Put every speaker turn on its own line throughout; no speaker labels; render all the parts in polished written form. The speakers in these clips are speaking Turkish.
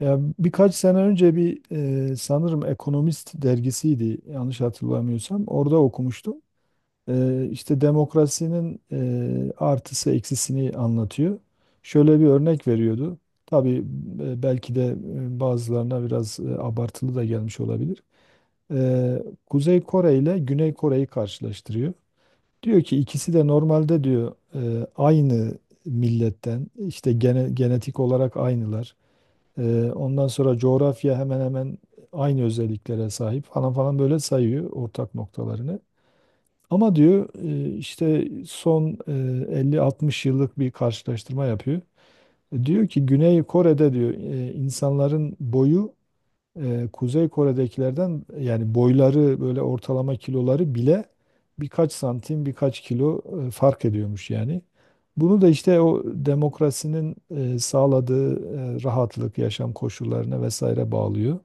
Ya birkaç sene önce bir sanırım Ekonomist dergisiydi yanlış hatırlamıyorsam. Orada okumuştum. E, işte demokrasinin artısı eksisini anlatıyor. Şöyle bir örnek veriyordu. Tabii belki de bazılarına biraz abartılı da gelmiş olabilir. E, Kuzey Kore ile Güney Kore'yi karşılaştırıyor. Diyor ki ikisi de normalde diyor aynı milletten işte genetik olarak aynılar. Ondan sonra coğrafya hemen hemen aynı özelliklere sahip falan falan böyle sayıyor ortak noktalarını. Ama diyor işte son 50-60 yıllık bir karşılaştırma yapıyor. Diyor ki Güney Kore'de diyor insanların boyu Kuzey Kore'dekilerden yani boyları böyle ortalama kiloları bile birkaç santim birkaç kilo fark ediyormuş yani. Bunu da işte o demokrasinin sağladığı rahatlık, yaşam koşullarına vesaire bağlıyor.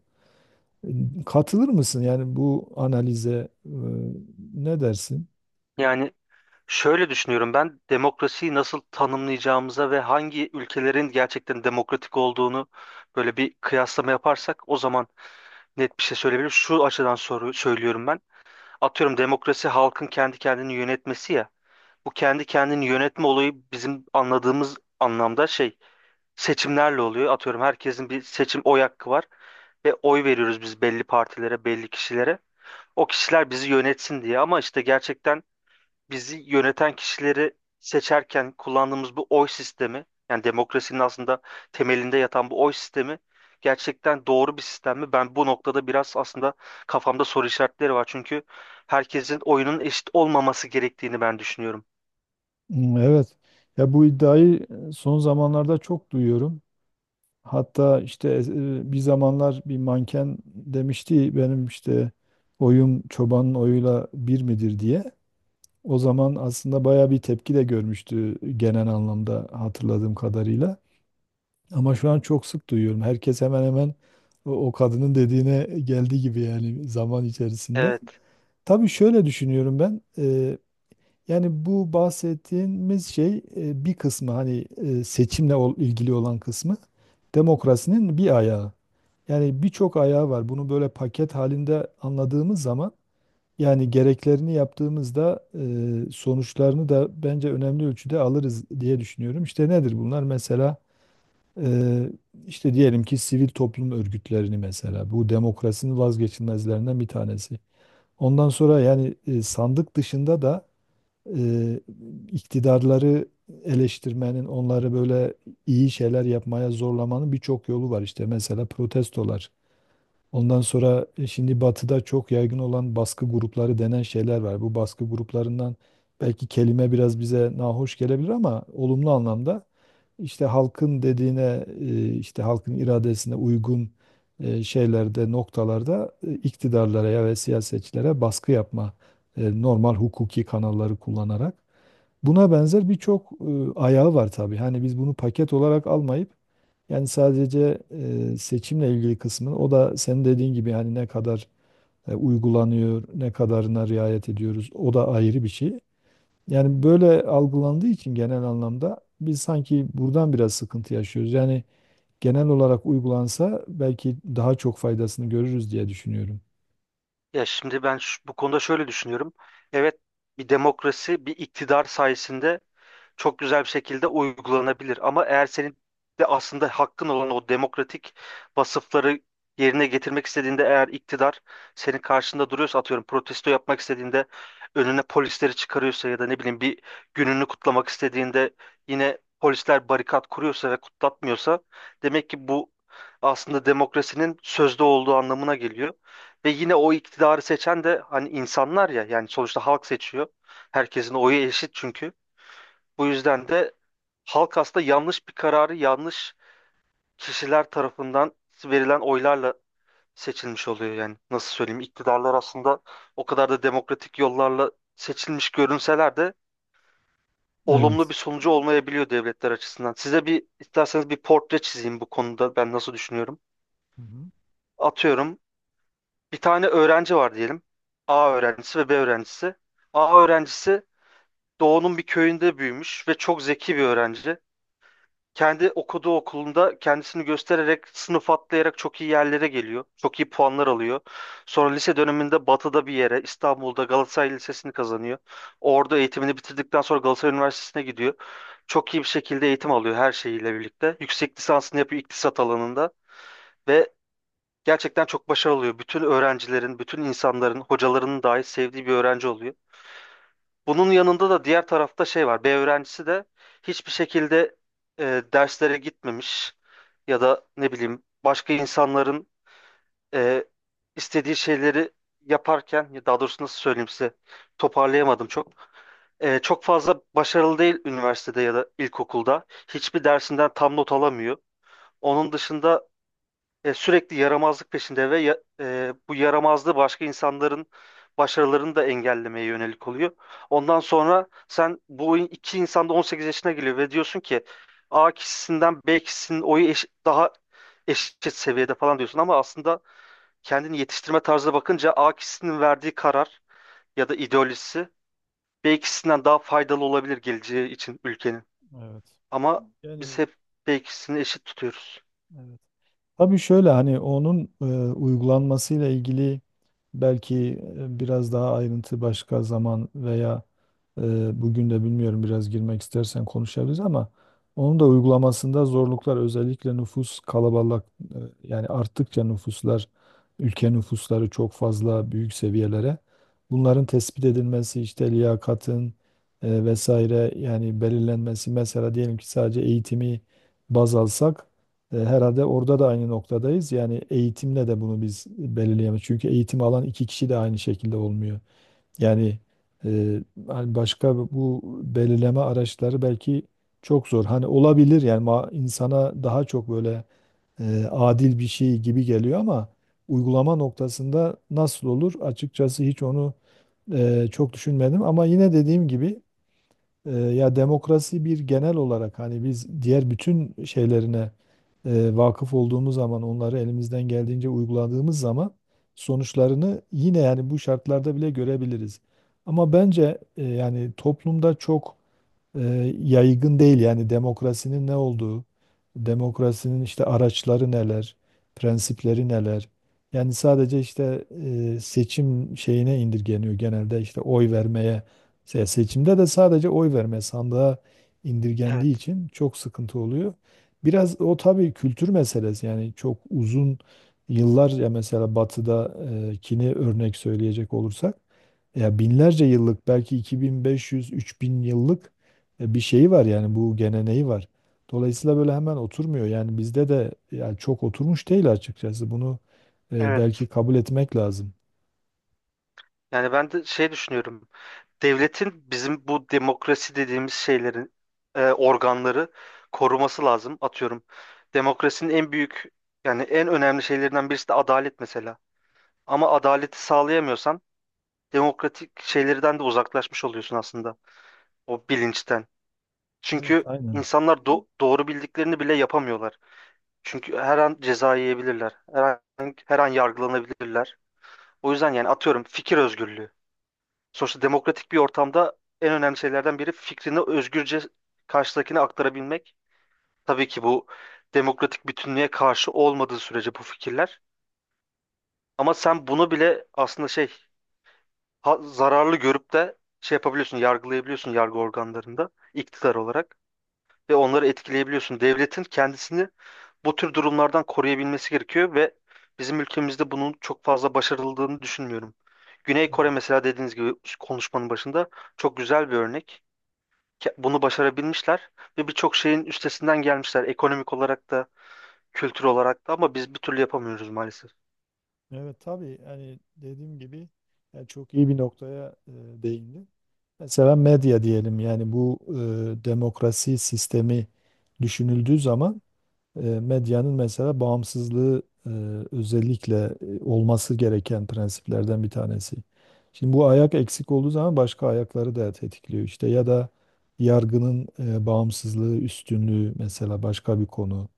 Katılır mısın yani bu analize, ne dersin?
Yani şöyle düşünüyorum ben demokrasiyi nasıl tanımlayacağımıza ve hangi ülkelerin gerçekten demokratik olduğunu böyle bir kıyaslama yaparsak o zaman net bir şey söyleyebilirim. Şu açıdan soru söylüyorum ben. Atıyorum demokrasi halkın kendi kendini yönetmesi ya. Bu kendi kendini yönetme olayı bizim anladığımız anlamda şey seçimlerle oluyor. Atıyorum herkesin bir seçim oy hakkı var ve oy veriyoruz biz belli partilere, belli kişilere. O kişiler bizi yönetsin diye ama işte gerçekten bizi yöneten kişileri seçerken kullandığımız bu oy sistemi, yani demokrasinin aslında temelinde yatan bu oy sistemi gerçekten doğru bir sistem mi? Ben bu noktada biraz aslında kafamda soru işaretleri var. Çünkü herkesin oyunun eşit olmaması gerektiğini ben düşünüyorum.
Hmm. Evet. Ya bu iddiayı son zamanlarda çok duyuyorum. Hatta işte bir zamanlar bir manken demişti benim işte oyum çobanın oyuyla bir midir diye. O zaman aslında baya bir tepki de görmüştü genel anlamda hatırladığım kadarıyla. Ama şu an çok sık duyuyorum. Herkes hemen hemen o kadının dediğine geldi gibi yani zaman içerisinde.
Evet,
Tabii şöyle düşünüyorum ben. Yani bu bahsettiğimiz şey, bir kısmı, hani ilgili olan kısmı demokrasinin bir ayağı. Yani birçok ayağı var. Bunu böyle paket halinde anladığımız zaman, yani gereklerini yaptığımızda, sonuçlarını da bence önemli ölçüde alırız diye düşünüyorum. İşte nedir bunlar? Mesela e, işte diyelim ki sivil toplum örgütlerini, mesela bu demokrasinin vazgeçilmezlerinden bir tanesi. Ondan sonra yani sandık dışında da e, iktidarları eleştirmenin, onları böyle iyi şeyler yapmaya zorlamanın birçok yolu var. İşte mesela protestolar. Ondan sonra şimdi batıda çok yaygın olan baskı grupları denen şeyler var. Bu baskı gruplarından belki kelime biraz bize nahoş gelebilir ama olumlu anlamda işte halkın dediğine, işte halkın iradesine uygun şeylerde, noktalarda, iktidarlara ya ve siyasetçilere baskı yapma, normal hukuki kanalları kullanarak. Buna benzer birçok ayağı var tabii. Hani biz bunu paket olarak almayıp, yani sadece seçimle ilgili kısmını, o da senin dediğin gibi hani ne kadar uygulanıyor, ne kadarına riayet ediyoruz, o da ayrı bir şey. Yani böyle algılandığı için genel anlamda biz sanki buradan biraz sıkıntı yaşıyoruz. Yani genel olarak uygulansa belki daha çok faydasını görürüz diye düşünüyorum.
ya şimdi ben bu konuda şöyle düşünüyorum. Evet, bir demokrasi, bir iktidar sayesinde çok güzel bir şekilde uygulanabilir. Ama eğer senin de aslında hakkın olan o demokratik vasıfları yerine getirmek istediğinde eğer iktidar senin karşında duruyorsa atıyorum protesto yapmak istediğinde önüne polisleri çıkarıyorsa ya da ne bileyim bir gününü kutlamak istediğinde yine polisler barikat kuruyorsa ve kutlatmıyorsa demek ki bu aslında demokrasinin sözde olduğu anlamına geliyor. Ve yine o iktidarı seçen de hani insanlar ya yani sonuçta halk seçiyor. Herkesin oyu eşit çünkü. Bu yüzden de halk aslında yanlış bir kararı yanlış kişiler tarafından verilen oylarla seçilmiş oluyor yani. Nasıl söyleyeyim? İktidarlar aslında o kadar da demokratik yollarla seçilmiş görünseler de olumlu
Evet.
bir sonucu olmayabiliyor devletler açısından. Size bir isterseniz bir portre çizeyim bu konuda ben nasıl düşünüyorum.
Hı hı.
Atıyorum bir tane öğrenci var diyelim. A öğrencisi ve B öğrencisi. A öğrencisi doğunun bir köyünde büyümüş ve çok zeki bir öğrenci. Kendi okuduğu okulunda kendisini göstererek sınıf atlayarak çok iyi yerlere geliyor. Çok iyi puanlar alıyor. Sonra lise döneminde Batı'da bir yere İstanbul'da Galatasaray Lisesi'ni kazanıyor. Orada eğitimini bitirdikten sonra Galatasaray Üniversitesi'ne gidiyor. Çok iyi bir şekilde eğitim alıyor her şeyiyle birlikte. Yüksek lisansını yapıyor iktisat alanında ve gerçekten çok başarılı oluyor. Bütün öğrencilerin, bütün insanların, hocalarının dahi sevdiği bir öğrenci oluyor. Bunun yanında da diğer tarafta şey var. B öğrencisi de hiçbir şekilde derslere gitmemiş ya da ne bileyim başka insanların e, istediği şeyleri yaparken ya daha doğrusu nasıl söyleyeyim size toparlayamadım çok. Çok fazla başarılı değil üniversitede ya da ilkokulda. Hiçbir dersinden tam not alamıyor. Onun dışında sürekli yaramazlık peşinde ve bu yaramazlığı başka insanların başarılarını da engellemeye yönelik oluyor. Ondan sonra sen bu iki insan da 18 yaşına geliyor ve diyorsun ki A kişisinden B kişisinin oyu daha eşit seviyede falan diyorsun ama aslında kendini yetiştirme tarzına bakınca A kişisinin verdiği karar ya da ideolojisi B kişisinden daha faydalı olabilir geleceği için ülkenin.
Evet.
Ama biz
Yani.
hep B kişisini eşit tutuyoruz.
Evet. Tabii şöyle hani onun uygulanmasıyla ilgili belki biraz daha ayrıntı başka zaman veya bugün de bilmiyorum, biraz girmek istersen konuşabiliriz ama onun da uygulamasında zorluklar özellikle nüfus kalabalık, yani arttıkça nüfuslar, ülke nüfusları çok fazla büyük seviyelere, bunların tespit edilmesi işte liyakatın vesaire yani belirlenmesi. Mesela diyelim ki sadece eğitimi baz alsak, herhalde orada da aynı noktadayız. Yani eğitimle de bunu biz belirleyemeyiz. Çünkü eğitim alan iki kişi de aynı şekilde olmuyor. Yani e, hani başka bu belirleme araçları belki çok zor. Hani olabilir yani insana daha çok böyle adil bir şey gibi geliyor ama uygulama noktasında nasıl olur? Açıkçası hiç onu çok düşünmedim. Ama yine dediğim gibi ya demokrasi bir genel olarak, hani biz diğer bütün şeylerine vakıf olduğumuz zaman, onları elimizden geldiğince uyguladığımız zaman sonuçlarını yine yani bu şartlarda bile görebiliriz. Ama bence yani toplumda çok e, yaygın değil yani demokrasinin ne olduğu, demokrasinin işte araçları neler, prensipleri neler. Yani sadece işte seçim şeyine indirgeniyor genelde, işte oy vermeye. Seçimde de sadece oy verme sandığa indirgendiği
Evet,
için çok sıkıntı oluyor. Biraz o tabii kültür meselesi. Yani çok uzun yıllar, ya mesela Batı'dakini örnek söyleyecek olursak ya binlerce yıllık, belki 2500-3000 yıllık bir şeyi var, yani bu geleneği var. Dolayısıyla böyle hemen oturmuyor. Yani bizde de yani çok oturmuş değil açıkçası. Bunu belki
evet.
kabul etmek lazım.
Yani ben de şey düşünüyorum. Devletin bizim bu demokrasi dediğimiz şeylerin organları koruması lazım. Atıyorum demokrasinin en büyük yani en önemli şeylerinden birisi de adalet mesela. Ama adaleti sağlayamıyorsan demokratik şeylerden de uzaklaşmış oluyorsun aslında o bilinçten.
Evet.
Çünkü
Aynen.
insanlar doğru bildiklerini bile yapamıyorlar. Çünkü her an ceza yiyebilirler. Her an, her an yargılanabilirler. O yüzden yani atıyorum fikir özgürlüğü. Sonuçta demokratik bir ortamda en önemli şeylerden biri fikrini özgürce karşıdakine aktarabilmek. Tabii ki bu demokratik bütünlüğe karşı olmadığı sürece bu fikirler. Ama sen bunu bile aslında şey zararlı görüp de şey yapabiliyorsun, yargılayabiliyorsun yargı organlarında iktidar olarak ve onları etkileyebiliyorsun. Devletin kendisini bu tür durumlardan koruyabilmesi gerekiyor ve bizim ülkemizde bunun çok fazla başarıldığını düşünmüyorum. Güney
Evet.
Kore mesela dediğiniz gibi konuşmanın başında çok güzel bir örnek. Bunu başarabilmişler ve birçok şeyin üstesinden gelmişler ekonomik olarak da kültür olarak da ama biz bir türlü yapamıyoruz maalesef.
Evet, tabii hani dediğim gibi yani çok iyi bir noktaya değindin. Mesela medya diyelim, yani bu demokrasi sistemi düşünüldüğü zaman medyanın mesela bağımsızlığı özellikle olması gereken prensiplerden bir tanesi. Şimdi bu ayak eksik olduğu zaman başka ayakları da tetikliyor, işte, ya da yargının bağımsızlığı, üstünlüğü mesela başka bir konu.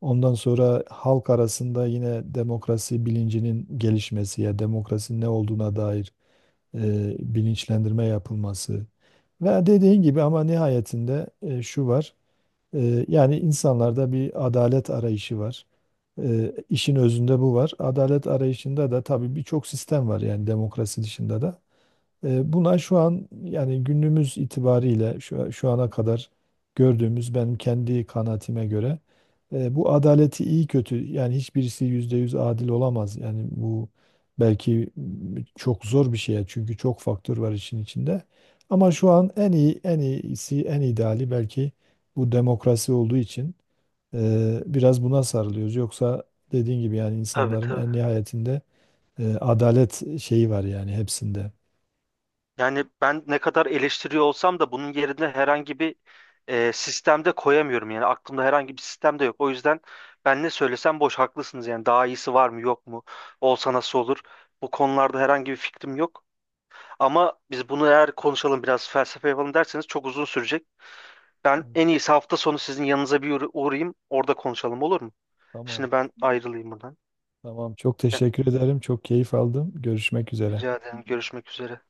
Ondan sonra halk arasında yine demokrasi bilincinin gelişmesi, ya demokrasinin ne olduğuna dair bilinçlendirme yapılması. Ve dediğin gibi ama nihayetinde şu var. Yani insanlarda bir adalet arayışı var. İşin özünde bu var. Adalet arayışında da tabii birçok sistem var yani demokrasi dışında da. Buna şu an yani günümüz itibariyle şu ana kadar gördüğümüz, benim kendi kanaatime göre, bu adaleti iyi kötü, yani hiçbirisi yüzde yüz adil olamaz. Yani bu belki çok zor bir şey, çünkü çok faktör var işin içinde. Ama şu an en iyi, en iyisi, en ideali belki bu demokrasi olduğu için biraz buna sarılıyoruz. Yoksa dediğin gibi yani
Tabii,
insanların
tabii.
en nihayetinde adalet şeyi var yani hepsinde.
Yani ben ne kadar eleştiriyor olsam da bunun yerine herhangi bir sistemde koyamıyorum. Yani aklımda herhangi bir sistem de yok. O yüzden ben ne söylesem boş haklısınız. Yani daha iyisi var mı yok mu? Olsa nasıl olur? Bu konularda herhangi bir fikrim yok. Ama biz bunu eğer konuşalım biraz felsefe yapalım derseniz çok uzun sürecek. Ben
Evet.
en iyisi hafta sonu sizin yanınıza bir uğrayayım. Orada konuşalım olur mu?
Tamam,
Şimdi ben ayrılayım buradan.
tamam. Çok teşekkür ederim. Çok keyif aldım. Görüşmek üzere.
Rica ederim. Görüşmek üzere.